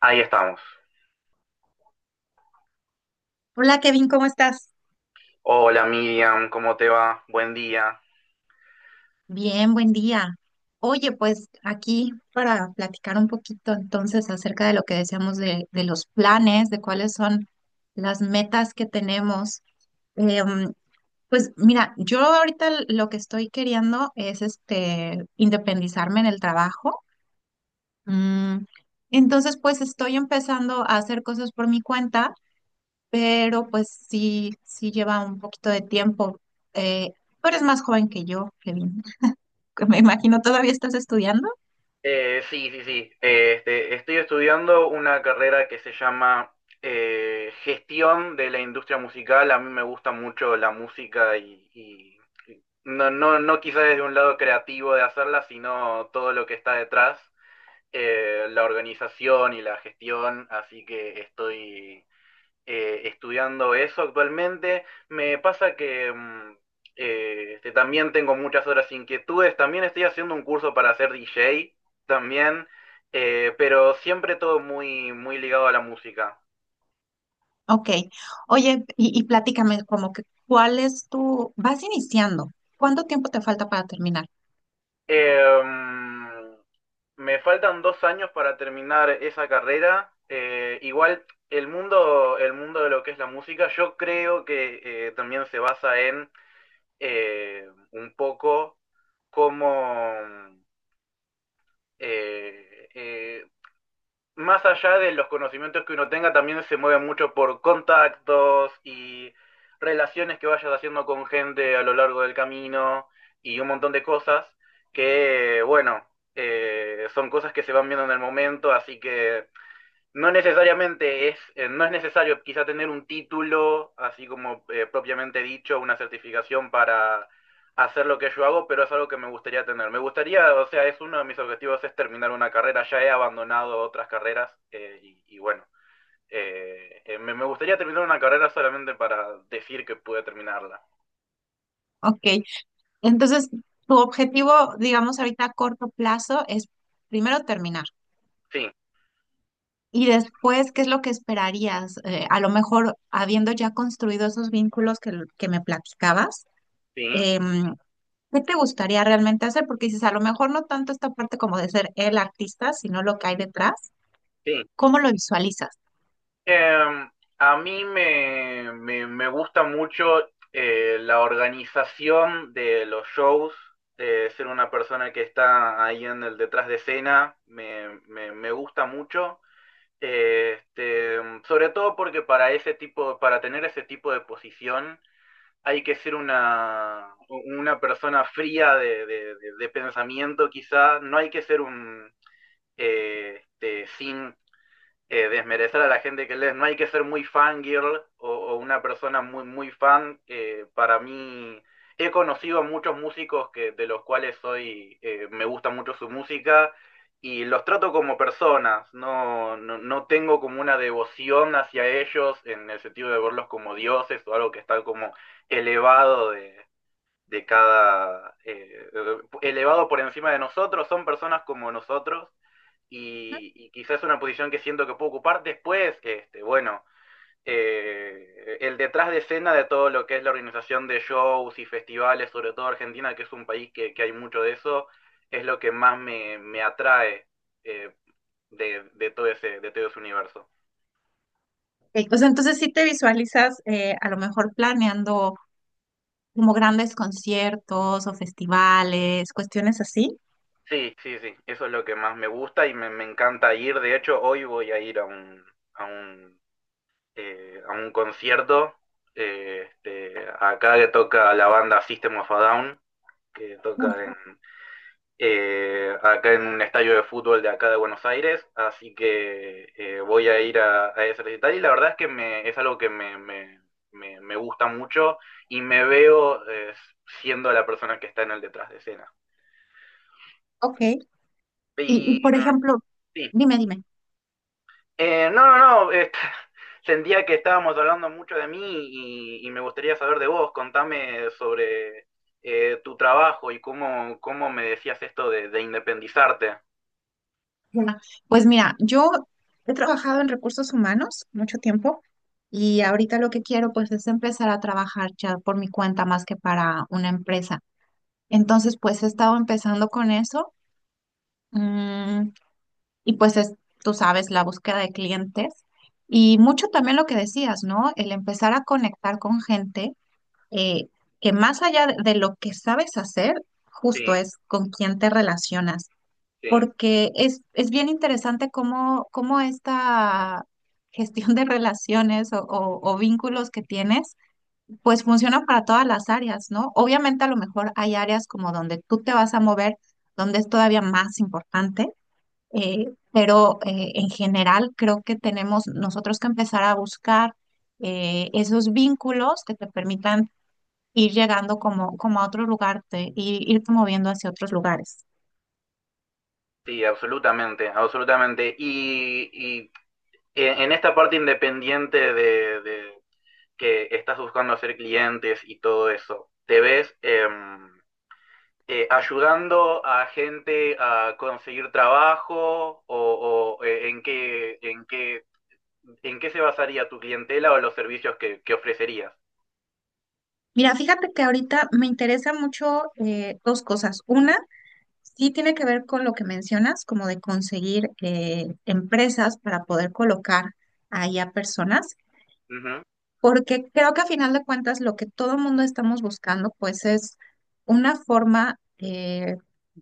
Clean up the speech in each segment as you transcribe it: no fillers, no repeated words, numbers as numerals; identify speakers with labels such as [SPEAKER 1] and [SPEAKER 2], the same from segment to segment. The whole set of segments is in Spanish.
[SPEAKER 1] Ahí estamos.
[SPEAKER 2] Hola Kevin, ¿cómo estás?
[SPEAKER 1] Hola Miriam, ¿cómo te va? Buen día.
[SPEAKER 2] Bien, buen día. Oye, pues aquí para platicar un poquito entonces acerca de lo que decíamos de los planes, de cuáles son las metas que tenemos. Em, pues mira, yo ahorita lo que estoy queriendo es este independizarme en el trabajo. Mm, entonces, pues estoy empezando a hacer cosas por mi cuenta, pero pues sí, sí lleva un poquito de tiempo. Eh, tú eres más joven que yo, Kevin. Me imagino, ¿todavía estás estudiando?
[SPEAKER 1] Sí, sí. Estoy estudiando una carrera que se llama Gestión de la Industria Musical. A mí me gusta mucho la música y no, no quizá desde un lado creativo de hacerla, sino todo lo que está detrás, la organización y la gestión. Así que estoy estudiando eso actualmente. Me pasa que también tengo muchas otras inquietudes. También estoy haciendo un curso para ser DJ también, pero siempre todo muy, muy ligado a la música.
[SPEAKER 2] Ok. Oye, y platícame como que, ¿cuál es tu...? Vas iniciando. ¿Cuánto tiempo te falta para terminar?
[SPEAKER 1] Eh, mm, Me faltan 2 años para terminar esa carrera. Igual el mundo de lo que es la música, yo creo que también se basa en un poco cómo, eh, eh, más allá de los conocimientos que uno tenga, también se mueve mucho por contactos y relaciones que vayas haciendo con gente a lo largo del camino y un montón de cosas que, bueno, son cosas que se van viendo en el momento, así que no necesariamente no es necesario quizá tener un título, así como propiamente dicho, una certificación para hacer lo que yo hago, pero es algo que me gustaría tener. Me gustaría, o sea, es uno de mis objetivos es terminar una carrera. Ya he abandonado otras carreras y bueno, me gustaría terminar una carrera solamente para decir que pude terminarla.
[SPEAKER 2] Ok. Entonces, tu objetivo, digamos, ahorita a corto plazo es primero terminar.
[SPEAKER 1] Sí,
[SPEAKER 2] Y después, ¿qué es lo que esperarías? A lo mejor, habiendo ya construido esos vínculos que me platicabas,
[SPEAKER 1] sí,
[SPEAKER 2] em, ¿qué te gustaría realmente hacer? Porque dices, a lo mejor no tanto esta parte como de ser el artista, sino lo que hay detrás.
[SPEAKER 1] sí.
[SPEAKER 2] ¿Cómo lo visualizas?
[SPEAKER 1] Em, a mí me gusta mucho la organización de los shows, ser una persona que está ahí en el detrás de escena, me gusta mucho. Eh, Este, sobre todo porque para ese tipo, para tener ese tipo de posición hay que ser una persona fría de, de pensamiento, quizá, no hay que ser un sin desmerecer a la gente que lees. No hay que ser muy fangirl o una persona muy, muy fan. Para mí, he conocido a muchos músicos que, de los cuales soy, me gusta mucho su música y los trato como personas. No, no tengo como una devoción hacia ellos en el sentido de verlos como dioses o algo que está como elevado de cada, eh, elevado por encima de nosotros, son personas como nosotros y quizás es una posición que siento que puedo ocupar después, este, bueno, el detrás de escena de todo lo que es la organización de shows y festivales, sobre todo Argentina, que es un país que hay mucho de eso, es lo que más me atrae eh, todo de todo ese universo.
[SPEAKER 2] Ok, o sea, entonces sí te visualizas a lo mejor planeando como grandes conciertos o festivales, cuestiones así.
[SPEAKER 1] Sí, sí, sí, eso es lo que más me gusta y me encanta ir. De hecho, hoy voy a ir a un a un concierto. eh, este, Acá que toca la banda System of a Down, que
[SPEAKER 2] Mm.
[SPEAKER 1] toca en, acá en un estadio de fútbol de acá de Buenos Aires. Así que voy a ir a ese recital y la verdad es que me, es algo que me gusta mucho y me veo siendo la persona que está en el detrás de escena.
[SPEAKER 2] Ok. Y,
[SPEAKER 1] Y
[SPEAKER 2] por
[SPEAKER 1] mm,
[SPEAKER 2] ejemplo,
[SPEAKER 1] sí.
[SPEAKER 2] dime, dime.
[SPEAKER 1] No, no. Sentía que estábamos hablando mucho de mí y me gustaría saber de vos. Contame sobre tu trabajo y cómo, cómo me decías esto de independizarte.
[SPEAKER 2] Ya. Pues mira, yo he trabajado en recursos humanos mucho tiempo y ahorita lo que quiero pues es empezar a trabajar ya por mi cuenta más que para una empresa. Entonces pues he estado empezando con eso. mm, Y pues es, tú sabes, la búsqueda de clientes y mucho también lo que decías, ¿no? El empezar a conectar con gente eh, que más allá de lo que sabes hacer,
[SPEAKER 1] Sí,
[SPEAKER 2] justo es con quién te relacionas,
[SPEAKER 1] sí,
[SPEAKER 2] porque es bien interesante cómo, cómo esta gestión de relaciones o vínculos que tienes, pues funciona para todas las áreas, ¿no? Obviamente a lo mejor hay áreas como donde tú te vas a mover, donde es todavía más importante, en general creo que tenemos nosotros que empezar a buscar esos vínculos que te permitan ir llegando como, como a otro lugar, te, ir, irte moviendo hacia otros lugares.
[SPEAKER 1] sí, absolutamente, absolutamente. Y en esta parte independiente de que estás buscando hacer clientes y todo eso, ¿te ves? Ayudando a gente a conseguir trabajo o, en qué, en qué, en qué se basaría tu clientela o los servicios que ofrecerías.
[SPEAKER 2] Mira, fíjate que ahorita me interesa mucho, dos cosas. Una, sí tiene que ver con lo que mencionas, como de conseguir empresas para poder colocar ahí a personas.
[SPEAKER 1] Ujú.
[SPEAKER 2] Porque creo que a final de cuentas lo que todo el mundo estamos buscando pues es una forma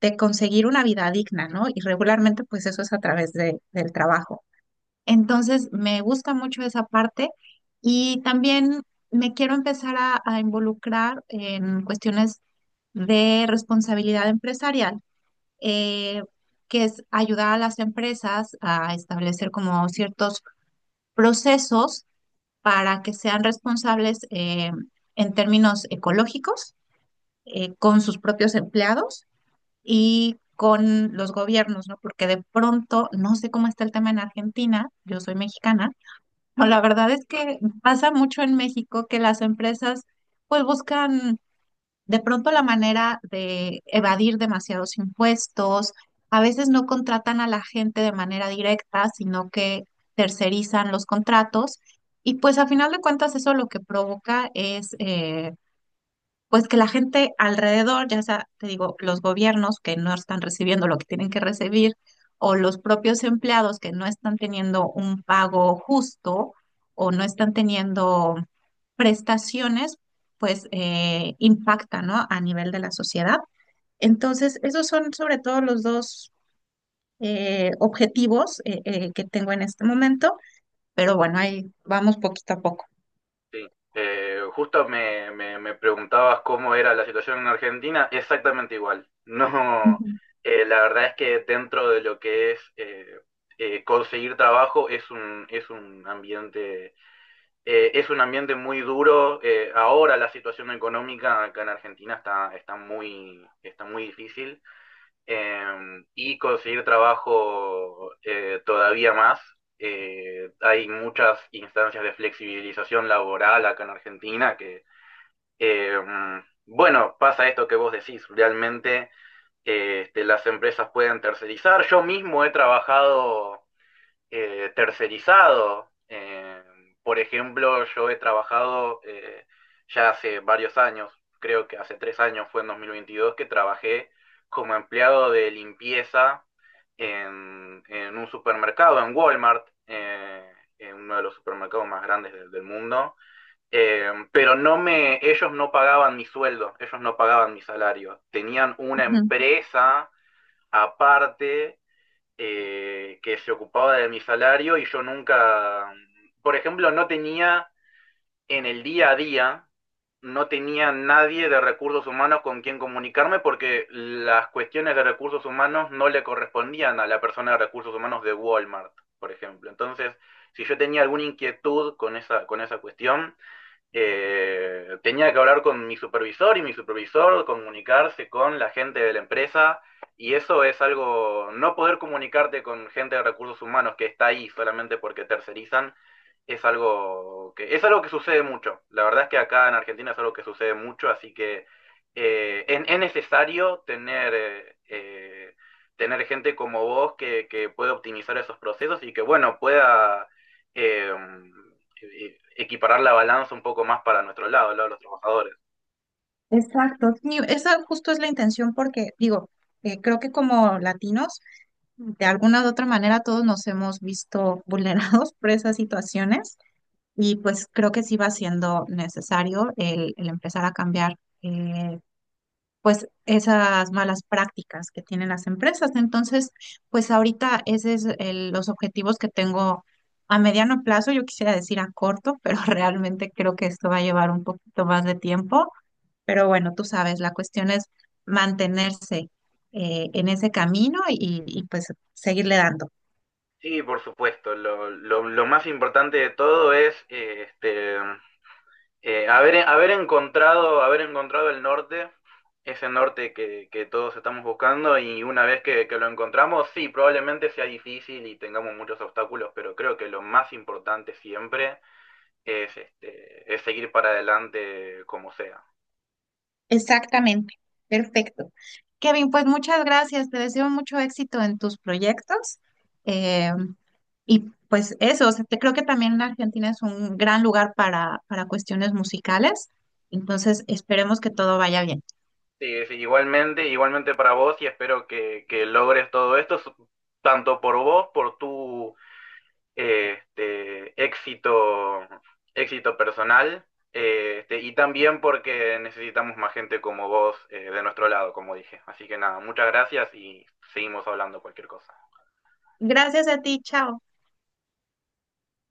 [SPEAKER 2] de conseguir una vida digna, ¿no? Y regularmente pues eso es a través del trabajo. Entonces me gusta mucho esa parte y también me quiero empezar a involucrar en cuestiones de responsabilidad empresarial. eh, que es ayudar a las empresas a establecer como ciertos procesos para que sean responsables, en términos ecológicos, con sus propios empleados y con los gobiernos, ¿no? Porque de pronto, no sé cómo está el tema en Argentina, yo soy mexicana,
[SPEAKER 1] Sí,
[SPEAKER 2] pero la verdad es que pasa mucho en México que las empresas pues buscan de pronto la manera de evadir demasiados impuestos, a veces no contratan a la gente de manera directa, sino que tercerizan los contratos. Y pues a final de cuentas eso lo que provoca es, pues que la gente alrededor, ya sea, te digo, los gobiernos que no están recibiendo lo que tienen que recibir, o los propios empleados que no están teniendo un pago justo o no están teniendo prestaciones, pues impacta, ¿no? A nivel de la sociedad. Entonces, esos son sobre todo los dos objetivos que tengo en este momento, pero bueno, ahí vamos poquito a poco.
[SPEAKER 1] sí. Me preguntabas cómo era la situación en Argentina, exactamente igual. No,
[SPEAKER 2] Ujú,
[SPEAKER 1] la verdad es que dentro de lo que es conseguir trabajo es un, es un ambiente muy duro. Ahora la situación económica acá en Argentina está, está muy difícil y conseguir trabajo todavía más. Hay muchas instancias de flexibilización laboral acá en Argentina que, eh, bueno, pasa esto que vos decís, realmente las empresas pueden tercerizar. Yo mismo he trabajado tercerizado. Por ejemplo, yo he trabajado ya hace varios años, creo que hace 3 años fue en 2022 que trabajé como empleado de limpieza en un supermercado, en Walmart, en uno de los supermercados más grandes del mundo. Ellos no pagaban mi sueldo, ellos no pagaban mi salario. Tenían una
[SPEAKER 2] ujú.
[SPEAKER 1] empresa aparte que se ocupaba de mi salario y yo nunca, por ejemplo, no tenía en el día a día, no tenía nadie de recursos humanos con quien comunicarme porque las cuestiones de recursos humanos no le correspondían a la persona de recursos humanos de Walmart, por ejemplo. Entonces, si yo tenía alguna inquietud con esa cuestión, tenía que hablar con mi supervisor y mi supervisor comunicarse con la gente de la empresa y eso es algo, no poder comunicarte con gente de recursos humanos que está ahí solamente porque tercerizan, es algo que sucede mucho. La verdad es que acá en Argentina es algo que sucede mucho, así que es necesario tener, tener gente como vos que pueda optimizar esos procesos y que, bueno, pueda... Eh, Equiparar la balanza un poco más para nuestro lado, el lado de los trabajadores.
[SPEAKER 2] Exacto, sí, esa justo es la intención porque digo, creo que como latinos, de alguna u otra manera todos nos hemos visto vulnerados por esas situaciones y pues creo que sí va siendo necesario el empezar a cambiar, eh, pues esas malas prácticas que tienen las empresas. Entonces, pues ahorita ese es los objetivos que tengo a mediano plazo, yo quisiera decir a corto, pero realmente creo que esto va a llevar un poquito más de tiempo, pero bueno, tú sabes, la cuestión es mantenerse, en ese camino y, pues seguirle dando.
[SPEAKER 1] Sí, por supuesto. Lo más importante de todo es haber encontrado el norte, ese norte que todos estamos buscando y una vez que, lo encontramos, sí, probablemente sea difícil y tengamos muchos obstáculos, pero creo que lo más importante siempre es seguir para adelante como sea.
[SPEAKER 2] Exactamente, perfecto. Kevin, pues muchas gracias, te deseo mucho éxito en tus proyectos. eh, y pues eso, o sea, creo que también Argentina es un gran lugar para cuestiones musicales, entonces esperemos que todo vaya bien.
[SPEAKER 1] Sí, sí, igualmente, igualmente para vos y espero que logres todo esto, su- tanto por vos, por tu eh, este, éxito, éxito personal, y también porque necesitamos más gente como vos de nuestro lado, como dije. Así que nada, muchas gracias y seguimos hablando cualquier cosa.
[SPEAKER 2] Gracias a ti, chao.